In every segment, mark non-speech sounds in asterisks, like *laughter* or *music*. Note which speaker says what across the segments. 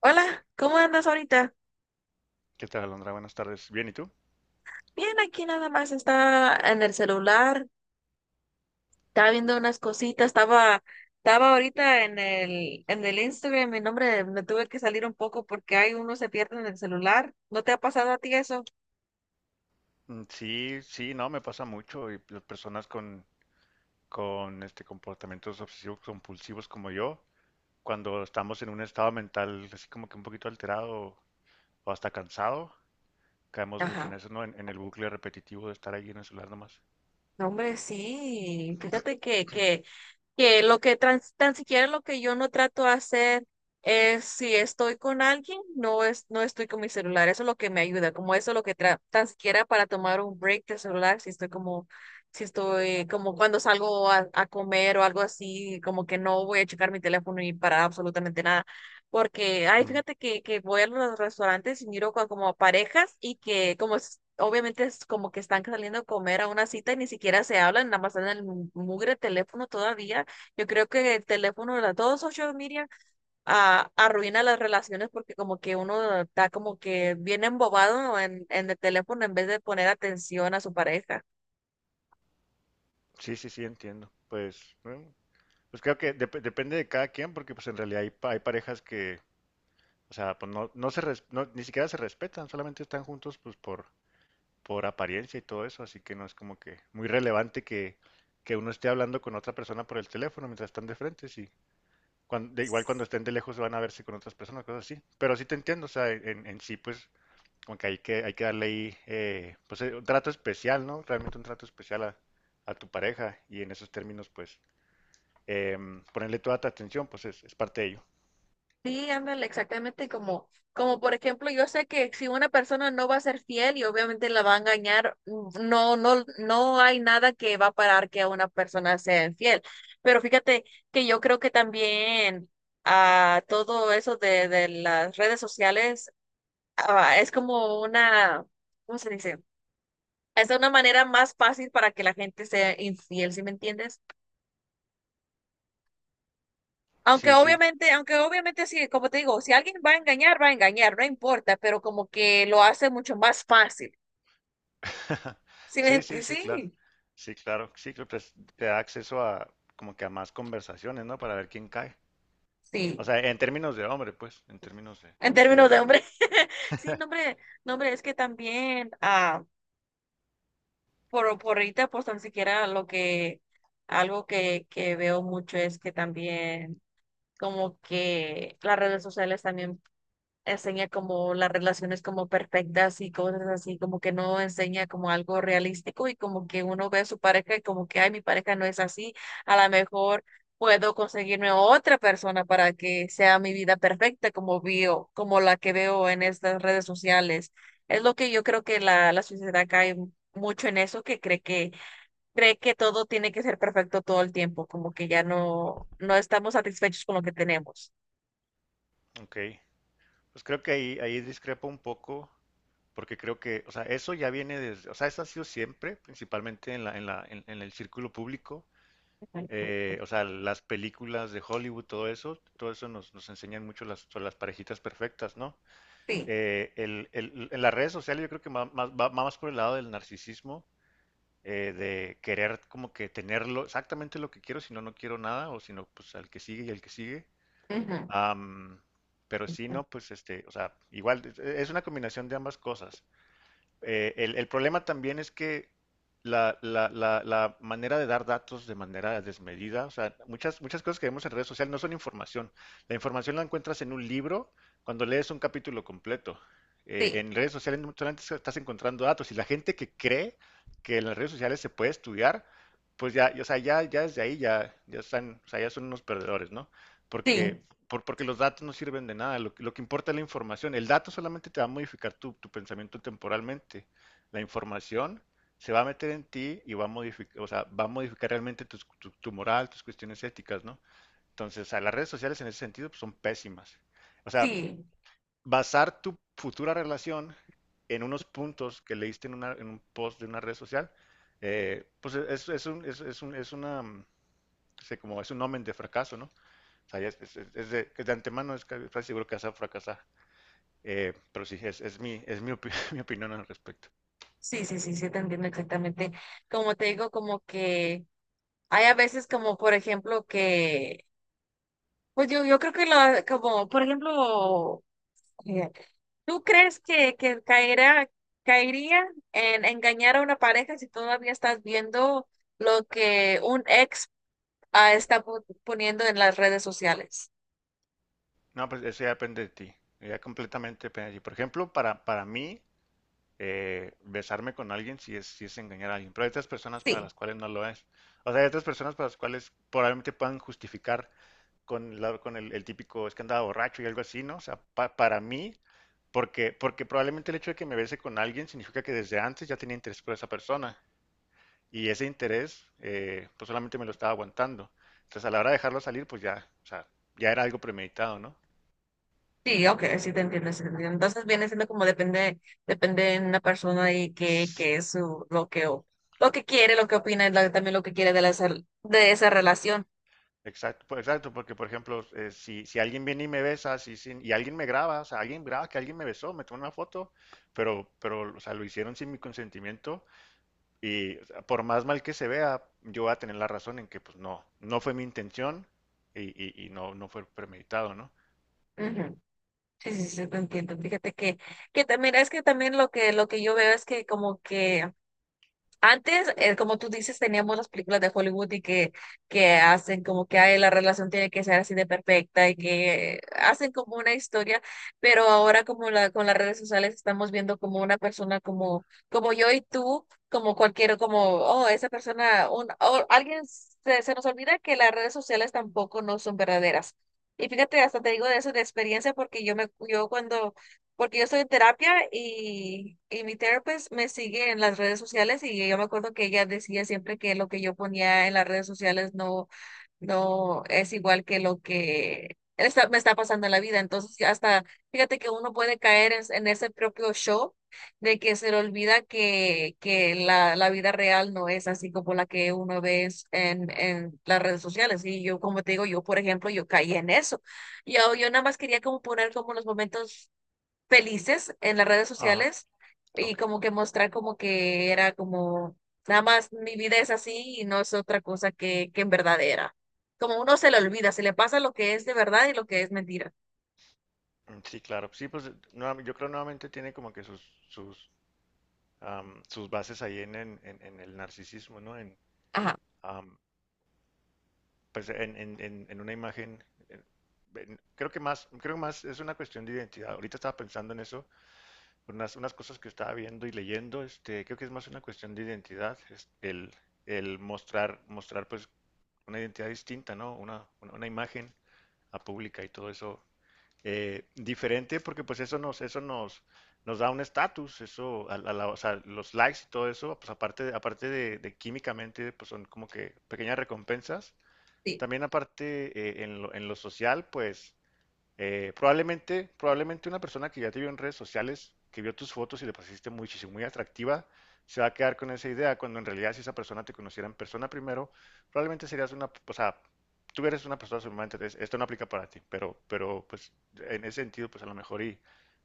Speaker 1: Hola, ¿cómo andas ahorita?
Speaker 2: ¿Qué tal, Alondra? Buenas tardes. Bien, ¿y tú?
Speaker 1: Bien, aquí nada más estaba en el celular, estaba viendo unas cositas, estaba ahorita en en el Instagram, mi nombre, me tuve que salir un poco porque hay uno se pierde en el celular. ¿No te ha pasado a ti eso?
Speaker 2: Mm, sí, sí, no, me pasa mucho y las personas con este comportamientos obsesivos compulsivos como yo, cuando estamos en un estado mental así como que un poquito alterado o hasta cansado, caemos mucho en
Speaker 1: Ajá.
Speaker 2: eso, ¿no? En el bucle repetitivo de estar ahí en el celular nomás.
Speaker 1: No, hombre, sí. Fíjate que lo que tan siquiera lo que yo no trato de hacer es si estoy con alguien, no estoy con mi celular. Eso es lo que me ayuda, como eso es lo que tan siquiera para tomar un break del celular, si estoy como cuando salgo a comer o algo así, como que no voy a checar mi teléfono ni para absolutamente nada. Porque, ay,
Speaker 2: Ujú.
Speaker 1: fíjate que voy a los restaurantes y miro como parejas y que como obviamente es como que están saliendo a comer a una cita y ni siquiera se hablan, nada más están en el mugre teléfono todavía. Yo creo que el teléfono de las dos social media arruina las relaciones porque como que uno está como que bien embobado en el teléfono en vez de poner atención a su pareja.
Speaker 2: Sí, sí, sí, entiendo. Pues, bueno, pues creo que depende de cada quien, porque pues en realidad hay, hay parejas que, o sea, pues no, no no, ni siquiera se respetan, solamente están juntos pues por apariencia y todo eso, así que no es como que muy relevante que uno esté hablando con otra persona por el teléfono mientras están de frente, sí. Igual cuando estén de lejos van a verse con otras personas, cosas así. Pero sí te entiendo, o sea, en sí, pues, como que hay que, hay que darle ahí, pues, un trato especial, ¿no? Realmente un trato especial a tu pareja y en esos términos, pues, ponerle toda tu atención, pues, es parte de ello.
Speaker 1: Sí, ándale, exactamente como por ejemplo, yo sé que si una persona no va a ser fiel y obviamente la va a engañar, no hay nada que va a parar que una persona sea infiel. Pero fíjate que yo creo que también a todo eso de las redes sociales es como una, ¿cómo se dice? Es una manera más fácil para que la gente sea infiel, ¿si me entiendes?
Speaker 2: Sí, sí.
Speaker 1: Aunque obviamente sí, como te digo, si alguien va a engañar, no importa, pero como que lo hace mucho más fácil.
Speaker 2: *laughs* Sí, sí, sí, claro.
Speaker 1: Sí,
Speaker 2: Sí, claro. Sí, creo que te da acceso a como que a más conversaciones, ¿no? Para ver quién cae. O
Speaker 1: sí.
Speaker 2: sea, en términos de hombre, pues, en términos de
Speaker 1: En
Speaker 2: así
Speaker 1: términos
Speaker 2: de,
Speaker 1: de hombre, *laughs* sí, no, hombre, no, hombre, es que también, por ahorita, pues tan siquiera algo que veo mucho es que también como que las redes sociales también enseña como las relaciones como perfectas y cosas así, como que no enseña como algo realístico y como que uno ve a su pareja y como que, ay, mi pareja no es así, a lo mejor puedo conseguirme otra persona para que sea mi vida perfecta como veo, como la que veo en estas redes sociales. Es lo que yo creo que la sociedad cae mucho en eso, que cree que todo tiene que ser perfecto todo el tiempo, como que ya no estamos satisfechos con lo que tenemos.
Speaker 2: ok. Pues creo que ahí ahí discrepo un poco porque creo que, o sea, eso ya viene desde, o sea, eso ha sido siempre, principalmente en la en la en el círculo público.
Speaker 1: Ujú.
Speaker 2: O sea, las películas de Hollywood, todo eso nos, nos enseñan mucho las, sobre las parejitas perfectas, ¿no?
Speaker 1: Sí.
Speaker 2: En las redes sociales yo creo que va más, va más por el lado del narcisismo, de querer como que tenerlo exactamente lo que quiero, si no, no quiero nada, o si no, pues al que sigue y al que sigue.
Speaker 1: Ujú.
Speaker 2: Am, pero si no, pues este, o sea, igual es una combinación de ambas cosas. El, problema también es que la manera de dar datos de manera desmedida, o sea, muchas, muchas cosas que vemos en redes sociales no son información. La información la encuentras en un libro cuando lees un capítulo completo.
Speaker 1: Sí.
Speaker 2: En redes sociales no solamente estás encontrando datos y la gente que cree que en las redes sociales se puede estudiar, pues ya, o sea, ya, ya desde ahí ya, ya están, o sea, ya son unos perdedores, ¿no?
Speaker 1: Sí,
Speaker 2: Porque porque los datos no sirven de nada, lo que importa es la información. El dato solamente te va a modificar tu, tu pensamiento temporalmente. La información se va a meter en ti y va a modificar, o sea, va a modificar realmente tu, tu moral, tus cuestiones éticas, ¿no? Entonces, o sea, las redes sociales en ese sentido pues, son pésimas. O sea,
Speaker 1: sí,
Speaker 2: basar tu futura relación en unos puntos que leíste en, en un post de una red social, pues es un, es un, es una, mm, no como es un omen de fracaso, ¿no? O sea, ya es, es de antemano, es casi seguro que vas a fracasar. Pero sí, es mi, *laughs* mi opinión al respecto.
Speaker 1: sí, te entiendo exactamente. Como te digo, como que hay a veces como, por ejemplo, pues yo creo que lo, como, por ejemplo, eh, ¿tú crees que caería en engañar a una pareja si todavía estás viendo lo que un ex, está poniendo en las redes sociales?
Speaker 2: No, pues eso ya depende de ti. Ya completamente depende de ti. Por ejemplo, para mí, besarme con alguien sí es engañar a alguien. Pero hay otras personas para
Speaker 1: Sí.
Speaker 2: las cuales no lo es. O sea, hay otras personas para las cuales probablemente puedan justificar con, con el típico es que andaba borracho y algo así, ¿no? O sea, para mí, porque, porque probablemente el hecho de que me bese con alguien significa que desde antes ya tenía interés por esa persona. Y ese interés, pues solamente me lo estaba aguantando. Entonces, a la hora de dejarlo salir, pues ya, o sea, ya era algo premeditado, ¿no?
Speaker 1: Sí, ok, sí te entiendo, sí te entiendo. Entonces viene siendo como depende, depende de una persona y
Speaker 2: S-
Speaker 1: qué es su, lo que quiere, lo que opina, y también lo que quiere de, de esa relación.
Speaker 2: Exacto, pues, exacto, porque por ejemplo, si, si alguien viene y me besa, si, y alguien me graba, o sea, alguien graba que alguien me besó, me toma una foto, pero, o sea, lo hicieron sin mi consentimiento y o sea, por más mal que se vea, yo voy a tener la razón en que, pues no, no fue mi intención y, y no, no fue premeditado, ¿no?
Speaker 1: Ujú. Sí, sí, sí, te entiendo. Que también es que también lo que yo veo es que como que antes, como tú dices, teníamos las películas de Hollywood que hacen como que ay, la relación tiene que ser así de perfecta y que hacen como una historia, pero ahora como con las redes sociales estamos viendo como una persona como, como yo y tú, como cualquiera como, oh, esa persona, un, o alguien se nos olvida que las redes sociales tampoco no son verdaderas. Y fíjate, hasta te digo de eso de experiencia porque yo me, yo cuando porque yo estoy en terapia y mi therapist me sigue en las redes sociales y yo me acuerdo que ella decía siempre que lo que yo ponía en las redes sociales no es igual que lo que me está pasando en la vida. Entonces, ya hasta, fíjate que uno puede caer en ese propio show de que se le olvida que la vida real no es así como la que uno ve en las redes sociales. Y yo, como te digo, yo, por ejemplo, yo caí en eso. Yo nada más quería como poner como los momentos felices en las redes
Speaker 2: Ajá,
Speaker 1: sociales y
Speaker 2: ok.
Speaker 1: como que mostrar como que era como, nada más mi vida es así y no es otra cosa que en verdad era. Como uno se le olvida, se le pasa lo que es de verdad y lo que es mentira.
Speaker 2: Mm, sí, claro. Sí, pues yo creo nuevamente tiene como que sus, sus sus bases ahí en, el narcisismo, ¿no?
Speaker 1: Ajá,
Speaker 2: Um, pues en una imagen, en, en, creo que más, creo más es una cuestión de identidad. Ahorita estaba pensando en eso, unas, unas cosas que estaba viendo y leyendo, este, creo que es más una cuestión de identidad, es el mostrar, mostrar pues una identidad distinta, ¿no? Una imagen a pública y todo eso diferente porque pues eso nos, nos da un estatus, eso, a o sea, los likes y todo eso, pues aparte, aparte de químicamente, pues son como que pequeñas recompensas.
Speaker 1: sí,
Speaker 2: También aparte en lo social, pues probablemente, probablemente una persona que ya te vio en redes sociales, que vio tus fotos y le pareciste muchísimo, muy atractiva, se va a quedar con esa idea, cuando en realidad si esa persona te conociera en persona primero, probablemente serías una, o sea, tú eres una persona sumamente, entonces, esto no aplica para ti, pero pues en ese sentido, pues a lo mejor y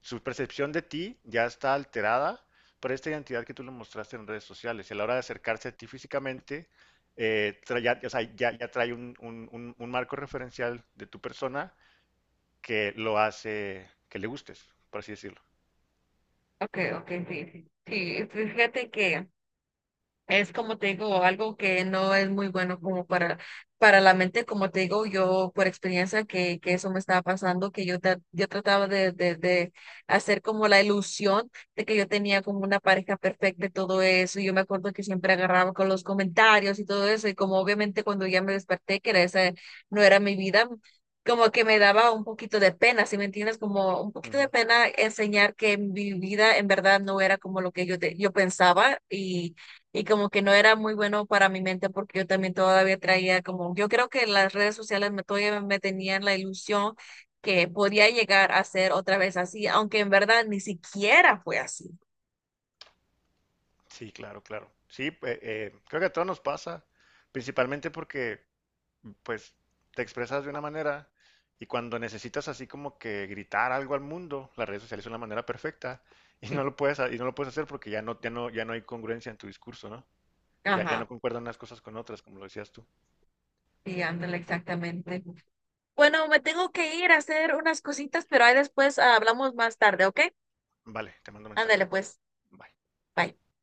Speaker 2: su percepción de ti ya está alterada por esta identidad que tú le mostraste en redes sociales. Y a la hora de acercarse a ti físicamente, ya, o sea, ya trae un, un marco referencial de tu persona que lo hace que le gustes, por así decirlo.
Speaker 1: ok, ok, sí. Sí, sí, fíjate que es como te digo, algo que no es muy bueno como para la mente, como te digo, yo por experiencia que eso me estaba pasando, que yo trataba de hacer como la ilusión de que yo tenía como una pareja perfecta y todo eso, y yo me acuerdo que siempre agarraba con los comentarios y todo eso, y como obviamente cuando ya me desperté, que era esa no era mi vida, como que me daba un poquito de pena, ¿si me entiendes? Como un poquito de
Speaker 2: Ujú.
Speaker 1: pena enseñar que mi vida en verdad no era como lo que yo pensaba y como que no era muy bueno para mi mente porque yo también todavía traía como, yo creo que las redes sociales todavía me tenían la ilusión que podía llegar a ser otra vez así, aunque en verdad ni siquiera fue así.
Speaker 2: Sí, claro, claro. Sí, creo que a todos nos pasa, principalmente porque pues te expresas de una manera y cuando necesitas así como que gritar algo al mundo, las redes sociales son la manera perfecta *laughs* y no lo puedes y no lo puedes hacer porque ya no ya no ya no hay congruencia en tu discurso, ¿no? Ya, ya no
Speaker 1: Ajá,
Speaker 2: concuerdan unas cosas con otras, como lo decías tú.
Speaker 1: y ándale, exactamente. Bueno, me tengo que ir a hacer unas cositas, pero ahí después hablamos más tarde, ¿ok?
Speaker 2: Vale, te mando un mensaje.
Speaker 1: Ándale, pues.
Speaker 2: Bye.
Speaker 1: Bye.